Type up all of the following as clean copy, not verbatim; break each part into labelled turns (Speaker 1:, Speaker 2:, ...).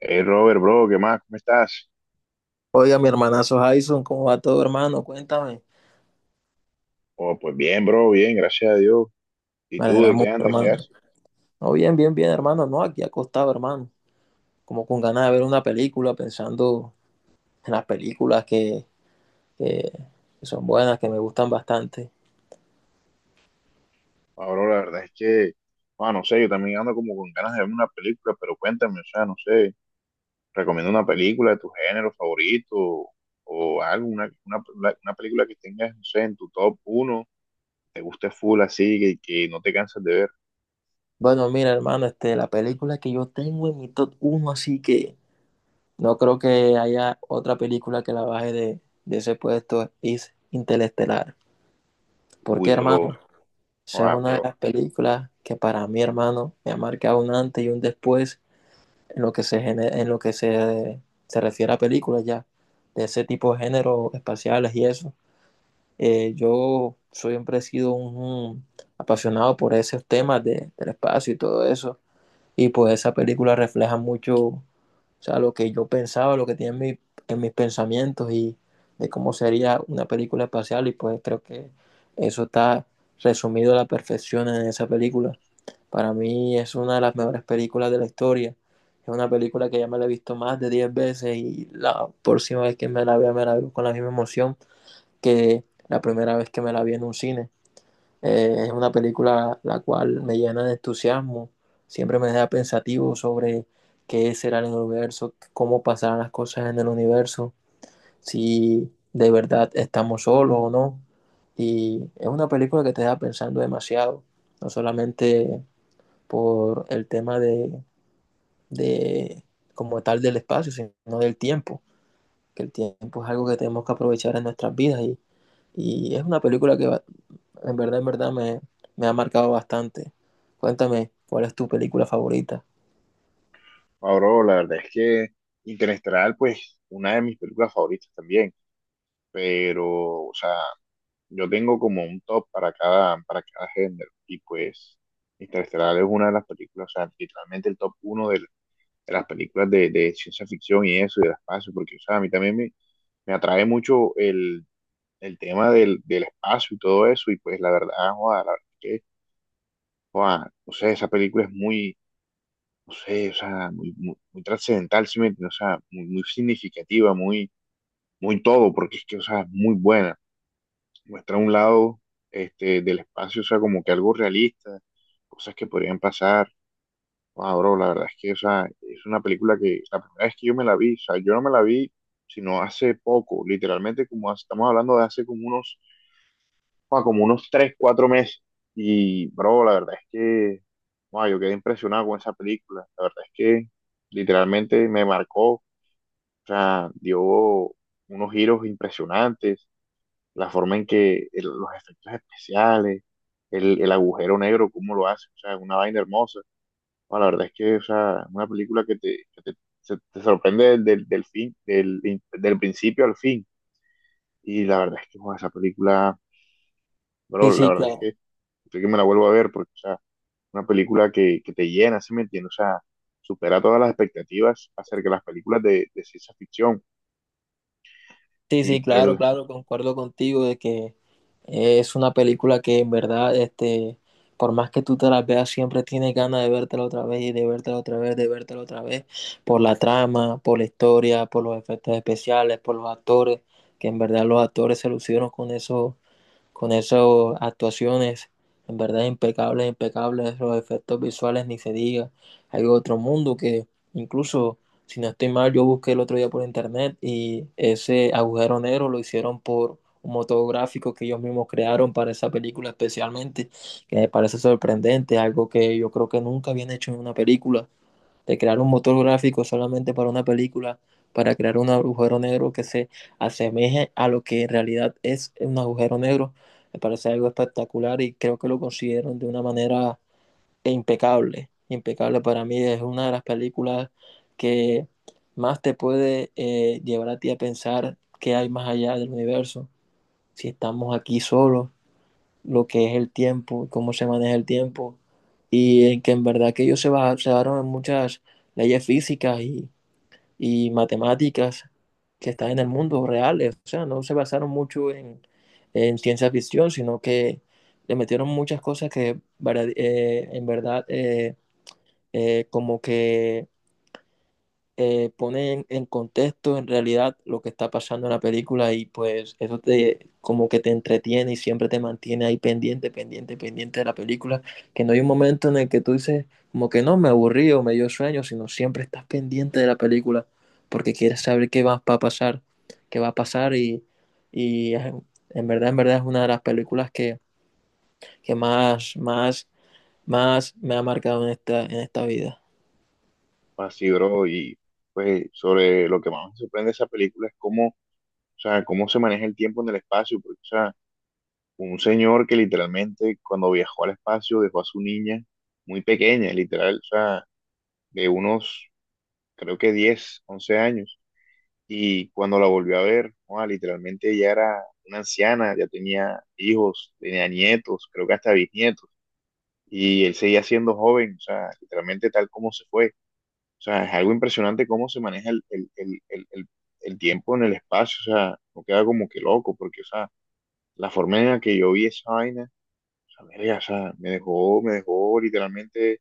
Speaker 1: Hey Robert, bro, ¿qué más? ¿Cómo estás?
Speaker 2: Oiga, mi hermanazo Jason, ¿cómo va todo, hermano? Cuéntame.
Speaker 1: Oh, pues bien, bro, bien, gracias a Dios. ¿Y
Speaker 2: Me
Speaker 1: tú
Speaker 2: alegra
Speaker 1: de qué
Speaker 2: mucho,
Speaker 1: andas? ¿Qué
Speaker 2: hermano.
Speaker 1: haces?
Speaker 2: No, bien, bien, bien, hermano. No, aquí acostado, hermano. Como con ganas de ver una película, pensando en las películas que son buenas, que me gustan bastante.
Speaker 1: Ah, bro, la verdad es que, no sé, yo también ando como con ganas de ver una película, pero cuéntame, o sea, no sé, recomiendo una película de tu género favorito o algo, una película que tengas, no sé, en tu top uno, te guste full así, que no te cansas de ver.
Speaker 2: Bueno, mira, hermano, la película que yo tengo en mi top uno, así que no creo que haya otra película que la baje de ese puesto, es Interestelar. ¿Por qué,
Speaker 1: Uy, bro,
Speaker 2: hermano? Esa es
Speaker 1: ah,
Speaker 2: una de
Speaker 1: bro,
Speaker 2: las películas que para mí, hermano, me ha marcado un antes y un después en lo que se refiere a películas ya, de ese tipo de géneros espaciales y eso. Yo siempre he sido un apasionado por esos temas del espacio y todo eso. Y pues esa película refleja mucho, o sea, lo que yo pensaba, lo que tenía en mis pensamientos y de cómo sería una película espacial. Y pues creo que eso está resumido a la perfección en esa película. Para mí es una de las mejores películas de la historia. Es una película que ya me la he visto más de 10 veces y la próxima vez que me la vea me la veo con la misma emoción que la primera vez que me la vi en un cine. Es una película la cual me llena de entusiasmo, siempre me deja pensativo sobre qué será el universo, cómo pasarán las cosas en el universo, si de verdad estamos solos o no. Y es una película que te deja pensando demasiado, no solamente por el tema de como tal del espacio, sino del tiempo, que el tiempo es algo que tenemos que aprovechar en nuestras vidas, y es una película que va, en verdad me ha marcado bastante. Cuéntame, ¿cuál es tu película favorita?
Speaker 1: la verdad es que Interestelar, pues, una de mis películas favoritas también. Pero, o sea, yo tengo como un top para cada género, y pues Interestelar es una de las películas, o sea, literalmente el top uno de las películas de ciencia ficción y eso, y del espacio, porque, o sea, a mí también me atrae mucho el tema del espacio y todo eso, y pues la verdad, joda, la verdad que, joda, no sé, esa película es muy, no sé, o sea, muy, muy, muy trascendental, ¿sí me entiendes? O sea, muy, muy significativa, muy, muy todo, porque es que, o sea, es muy buena. Muestra un lado del espacio, o sea, como que algo realista, cosas que podrían pasar. Wow, bro, la verdad es que, o sea, es una película que la primera vez que yo me la vi, o sea, yo no me la vi sino hace poco, literalmente, estamos hablando de hace como unos, wow, como unos 3 4 meses. Y, bro, la verdad es que, wow, yo quedé impresionado con esa película. La verdad es que literalmente me marcó, o sea, dio unos giros impresionantes la forma en que los efectos especiales, el agujero negro, cómo lo hace, o sea, es una vaina hermosa. No, la verdad es que, o sea, una película que te sorprende del del principio al fin. Y la verdad es que, joder, esa película,
Speaker 2: Sí,
Speaker 1: bro, la
Speaker 2: sí,
Speaker 1: verdad es
Speaker 2: claro.
Speaker 1: que creo que me la vuelvo a ver porque, o sea, una película que te llena, ¿sí me entiendes? O sea, supera todas las expectativas acerca de las películas de ciencia ficción.
Speaker 2: Sí,
Speaker 1: Y
Speaker 2: sí,
Speaker 1: pues,
Speaker 2: claro, claro, concuerdo contigo de que es una película que en verdad, por más que tú te la veas, siempre tienes ganas de vértela otra vez y de vértela otra vez, de vértela otra vez, por la trama, por la historia, por los efectos especiales, por los actores, que en verdad los actores se lucieron con eso, con esas actuaciones en verdad impecables, impecables, los efectos visuales ni se diga. Hay otro mundo que incluso, si no estoy mal, yo busqué el otro día por internet y ese agujero negro lo hicieron por un motográfico que ellos mismos crearon para esa película especialmente, que me parece sorprendente, algo que yo creo que nunca habían hecho en una película de crear un motor gráfico solamente para una película, para crear un agujero negro que se asemeje a lo que en realidad es un agujero negro, me parece algo espectacular y creo que lo consiguieron de una manera impecable. Impecable, para mí es una de las películas que más te puede llevar a ti a pensar qué hay más allá del universo, si estamos aquí solos, lo que es el tiempo, cómo se maneja el tiempo, y en que en verdad que ellos se basaron en muchas leyes físicas y matemáticas que están en el mundo reales, o sea, no se basaron mucho en ciencia ficción, sino que le metieron muchas cosas que en verdad como que pone en contexto en realidad lo que está pasando en la película y pues eso te como que te entretiene y siempre te mantiene ahí pendiente, pendiente, pendiente de la película, que no hay un momento en el que tú dices como que no, me aburrí o me dio sueño, sino siempre estás pendiente de la película porque quieres saber qué va a pasar, qué va a pasar y en verdad es una de las películas que más, más, más me ha marcado en esta vida.
Speaker 1: así, bro, y pues sobre lo que más me sorprende de esa película es cómo, o sea, cómo se maneja el tiempo en el espacio, porque, o sea, un señor que literalmente cuando viajó al espacio dejó a su niña muy pequeña, literal, o sea, de unos, creo que 10 11 años, y cuando la volvió a ver, joda, literalmente ella era una anciana, ya tenía hijos, tenía nietos, creo que hasta bisnietos, y él seguía siendo joven, o sea, literalmente tal como se fue. O sea, es algo impresionante cómo se maneja el tiempo en el espacio, o sea, no queda como que loco, porque, o sea, la forma en la que yo vi esa vaina, o sea, verga, o sea, me dejó literalmente,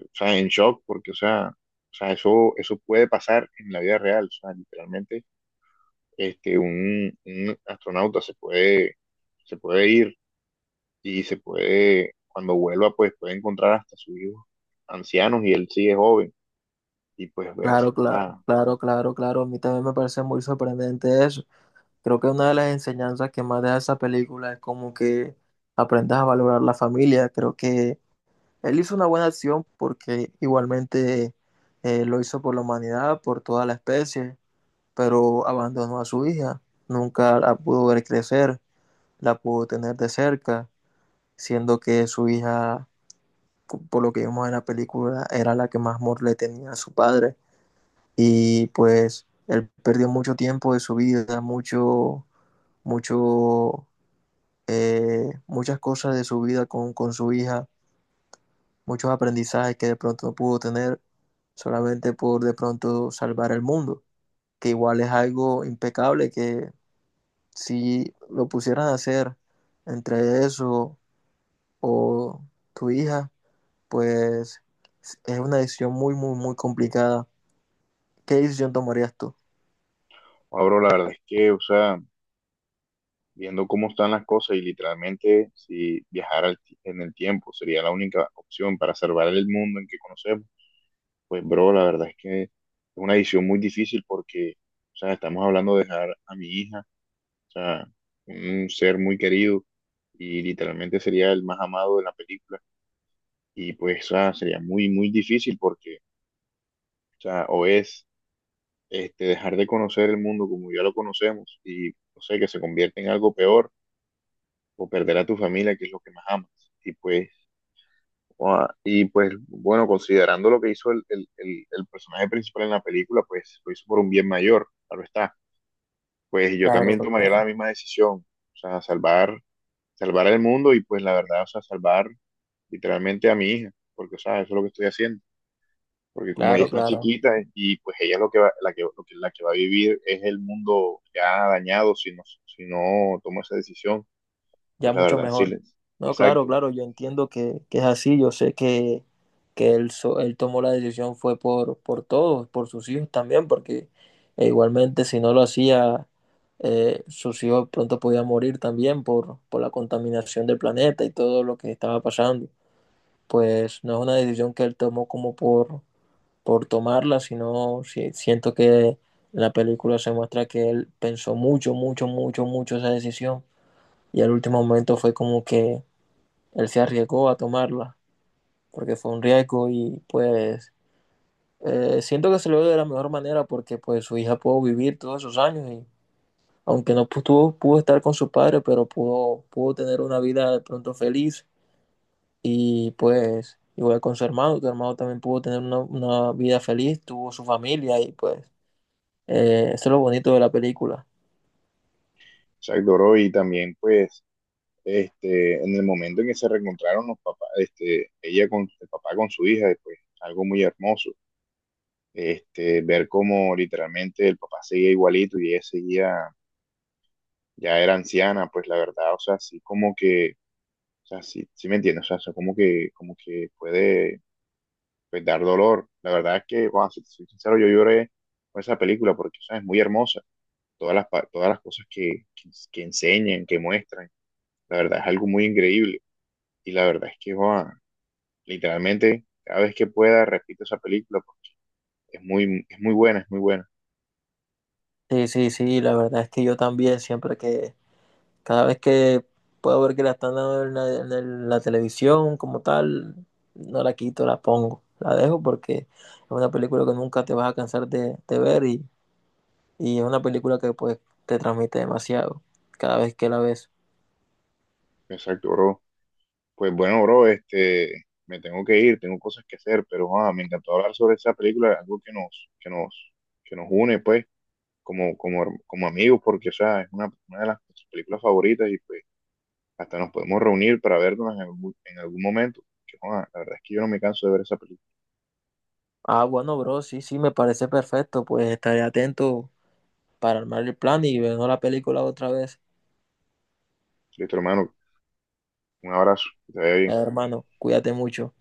Speaker 1: o sea, en shock, porque, o sea, eso puede pasar en la vida real, o sea, literalmente, un astronauta se puede ir y se puede, cuando vuelva, pues puede encontrar hasta sus hijos ancianos y él sigue joven, y pues ves,
Speaker 2: Claro,
Speaker 1: o
Speaker 2: claro,
Speaker 1: sea,
Speaker 2: claro, claro, claro. A mí también me parece muy sorprendente eso. Creo que una de las enseñanzas que más deja esa película es como que aprendas a valorar la familia. Creo que él hizo una buena acción porque igualmente lo hizo por la humanidad, por toda la especie, pero abandonó a su hija. Nunca la pudo ver crecer, la pudo tener de cerca, siendo que su hija, por lo que vimos en la película, era la que más amor le tenía a su padre. Y pues él perdió mucho tiempo de su vida, mucho, mucho, muchas cosas de su vida con su hija, muchos aprendizajes que de pronto no pudo tener solamente por de pronto salvar el mundo, que igual es algo impecable que si lo pusieran a hacer entre eso o tu hija, pues es una decisión muy, muy, muy complicada. ¿Qué decisión tomarías tú?
Speaker 1: Pablo, la verdad es que, o sea, viendo cómo están las cosas y literalmente si viajar al en el tiempo sería la única opción para salvar el mundo en que conocemos, pues bro, la verdad es que es una decisión muy difícil porque, o sea, estamos hablando de dejar a mi hija, o sea, un ser muy querido y literalmente sería el más amado de la película y pues, o sea, sería muy, muy difícil porque, o sea, o es dejar de conocer el mundo como ya lo conocemos y, no sé, que se convierte en algo peor o perder a tu familia, que es lo que más amas. Y pues, ah, y pues bueno, considerando lo que hizo el personaje principal en la película, pues lo hizo por un bien mayor, claro está. Pues yo
Speaker 2: Claro,
Speaker 1: también tomaría la
Speaker 2: claro.
Speaker 1: misma decisión, o sea, salvar, salvar el mundo y pues la verdad, o sea, salvar literalmente a mi hija, porque, o sea, eso es lo que estoy haciendo. Porque como ella
Speaker 2: Claro,
Speaker 1: está
Speaker 2: claro.
Speaker 1: chiquita y pues ella es lo que va, la que va a vivir es el mundo ya dañado si no, si no tomo esa decisión, pues
Speaker 2: Ya
Speaker 1: la
Speaker 2: mucho
Speaker 1: verdad, sí,
Speaker 2: mejor. No, claro,
Speaker 1: exacto.
Speaker 2: claro, yo entiendo que es así, yo sé que él, él tomó la decisión fue por todos, por sus hijos también, porque igualmente si no lo hacía, sus hijos pronto podían morir también por la contaminación del planeta y todo lo que estaba pasando. Pues no es una decisión que él tomó como por tomarla, sino siento que en la película se muestra que él pensó mucho, mucho, mucho, mucho esa decisión y al último momento fue como que él se arriesgó a tomarla, porque fue un riesgo y pues siento que se lo dio de la mejor manera porque pues su hija pudo vivir todos esos años y aunque no pudo, pudo estar con su padre, pero pudo tener una vida de pronto feliz y pues igual con su hermano, tu hermano también pudo tener una vida feliz, tuvo su familia y pues eso es lo bonito de la película.
Speaker 1: Exacto, bro, y también pues en el momento en que se reencontraron los papás, ella con el papá con su hija, pues algo muy hermoso, ver cómo literalmente el papá seguía igualito y ella seguía, ya era anciana, pues la verdad, o sea, sí como que, o sea, sí, sí me entiendes, o sea, eso como que puede pues, dar dolor, la verdad es que, bueno, si te soy sincero, yo lloré con esa película porque, o sea, es muy hermosa, todas las, todas las cosas que enseñan, que muestran, la verdad es algo muy increíble. Y la verdad es que, joa, literalmente, cada vez que pueda, repito esa película porque es muy buena, es muy buena.
Speaker 2: Sí, sí, sí, la verdad es que yo también siempre que Cada vez que puedo ver que la están dando en la televisión como tal, no la quito, la pongo. La dejo porque es una película que nunca te vas a cansar de ver, y es una película que pues te transmite demasiado cada vez que la ves.
Speaker 1: Exacto, bro. Pues bueno, bro, este, me tengo que ir, tengo cosas que hacer, pero joa, me encantó hablar sobre esa película, algo que nos, que nos, que nos une, pues, como amigos, porque, o sea, es una de las películas favoritas y pues hasta nos podemos reunir para vernos en algún momento. Que, joa, la verdad es que yo no me canso de ver esa película.
Speaker 2: Ah, bueno, bro, sí, sí, me parece perfecto. Pues estaré atento para armar el plan y ver la película otra vez.
Speaker 1: Listo, hermano, un abrazo, que te vaya
Speaker 2: Eh,
Speaker 1: bien.
Speaker 2: hermano, cuídate mucho.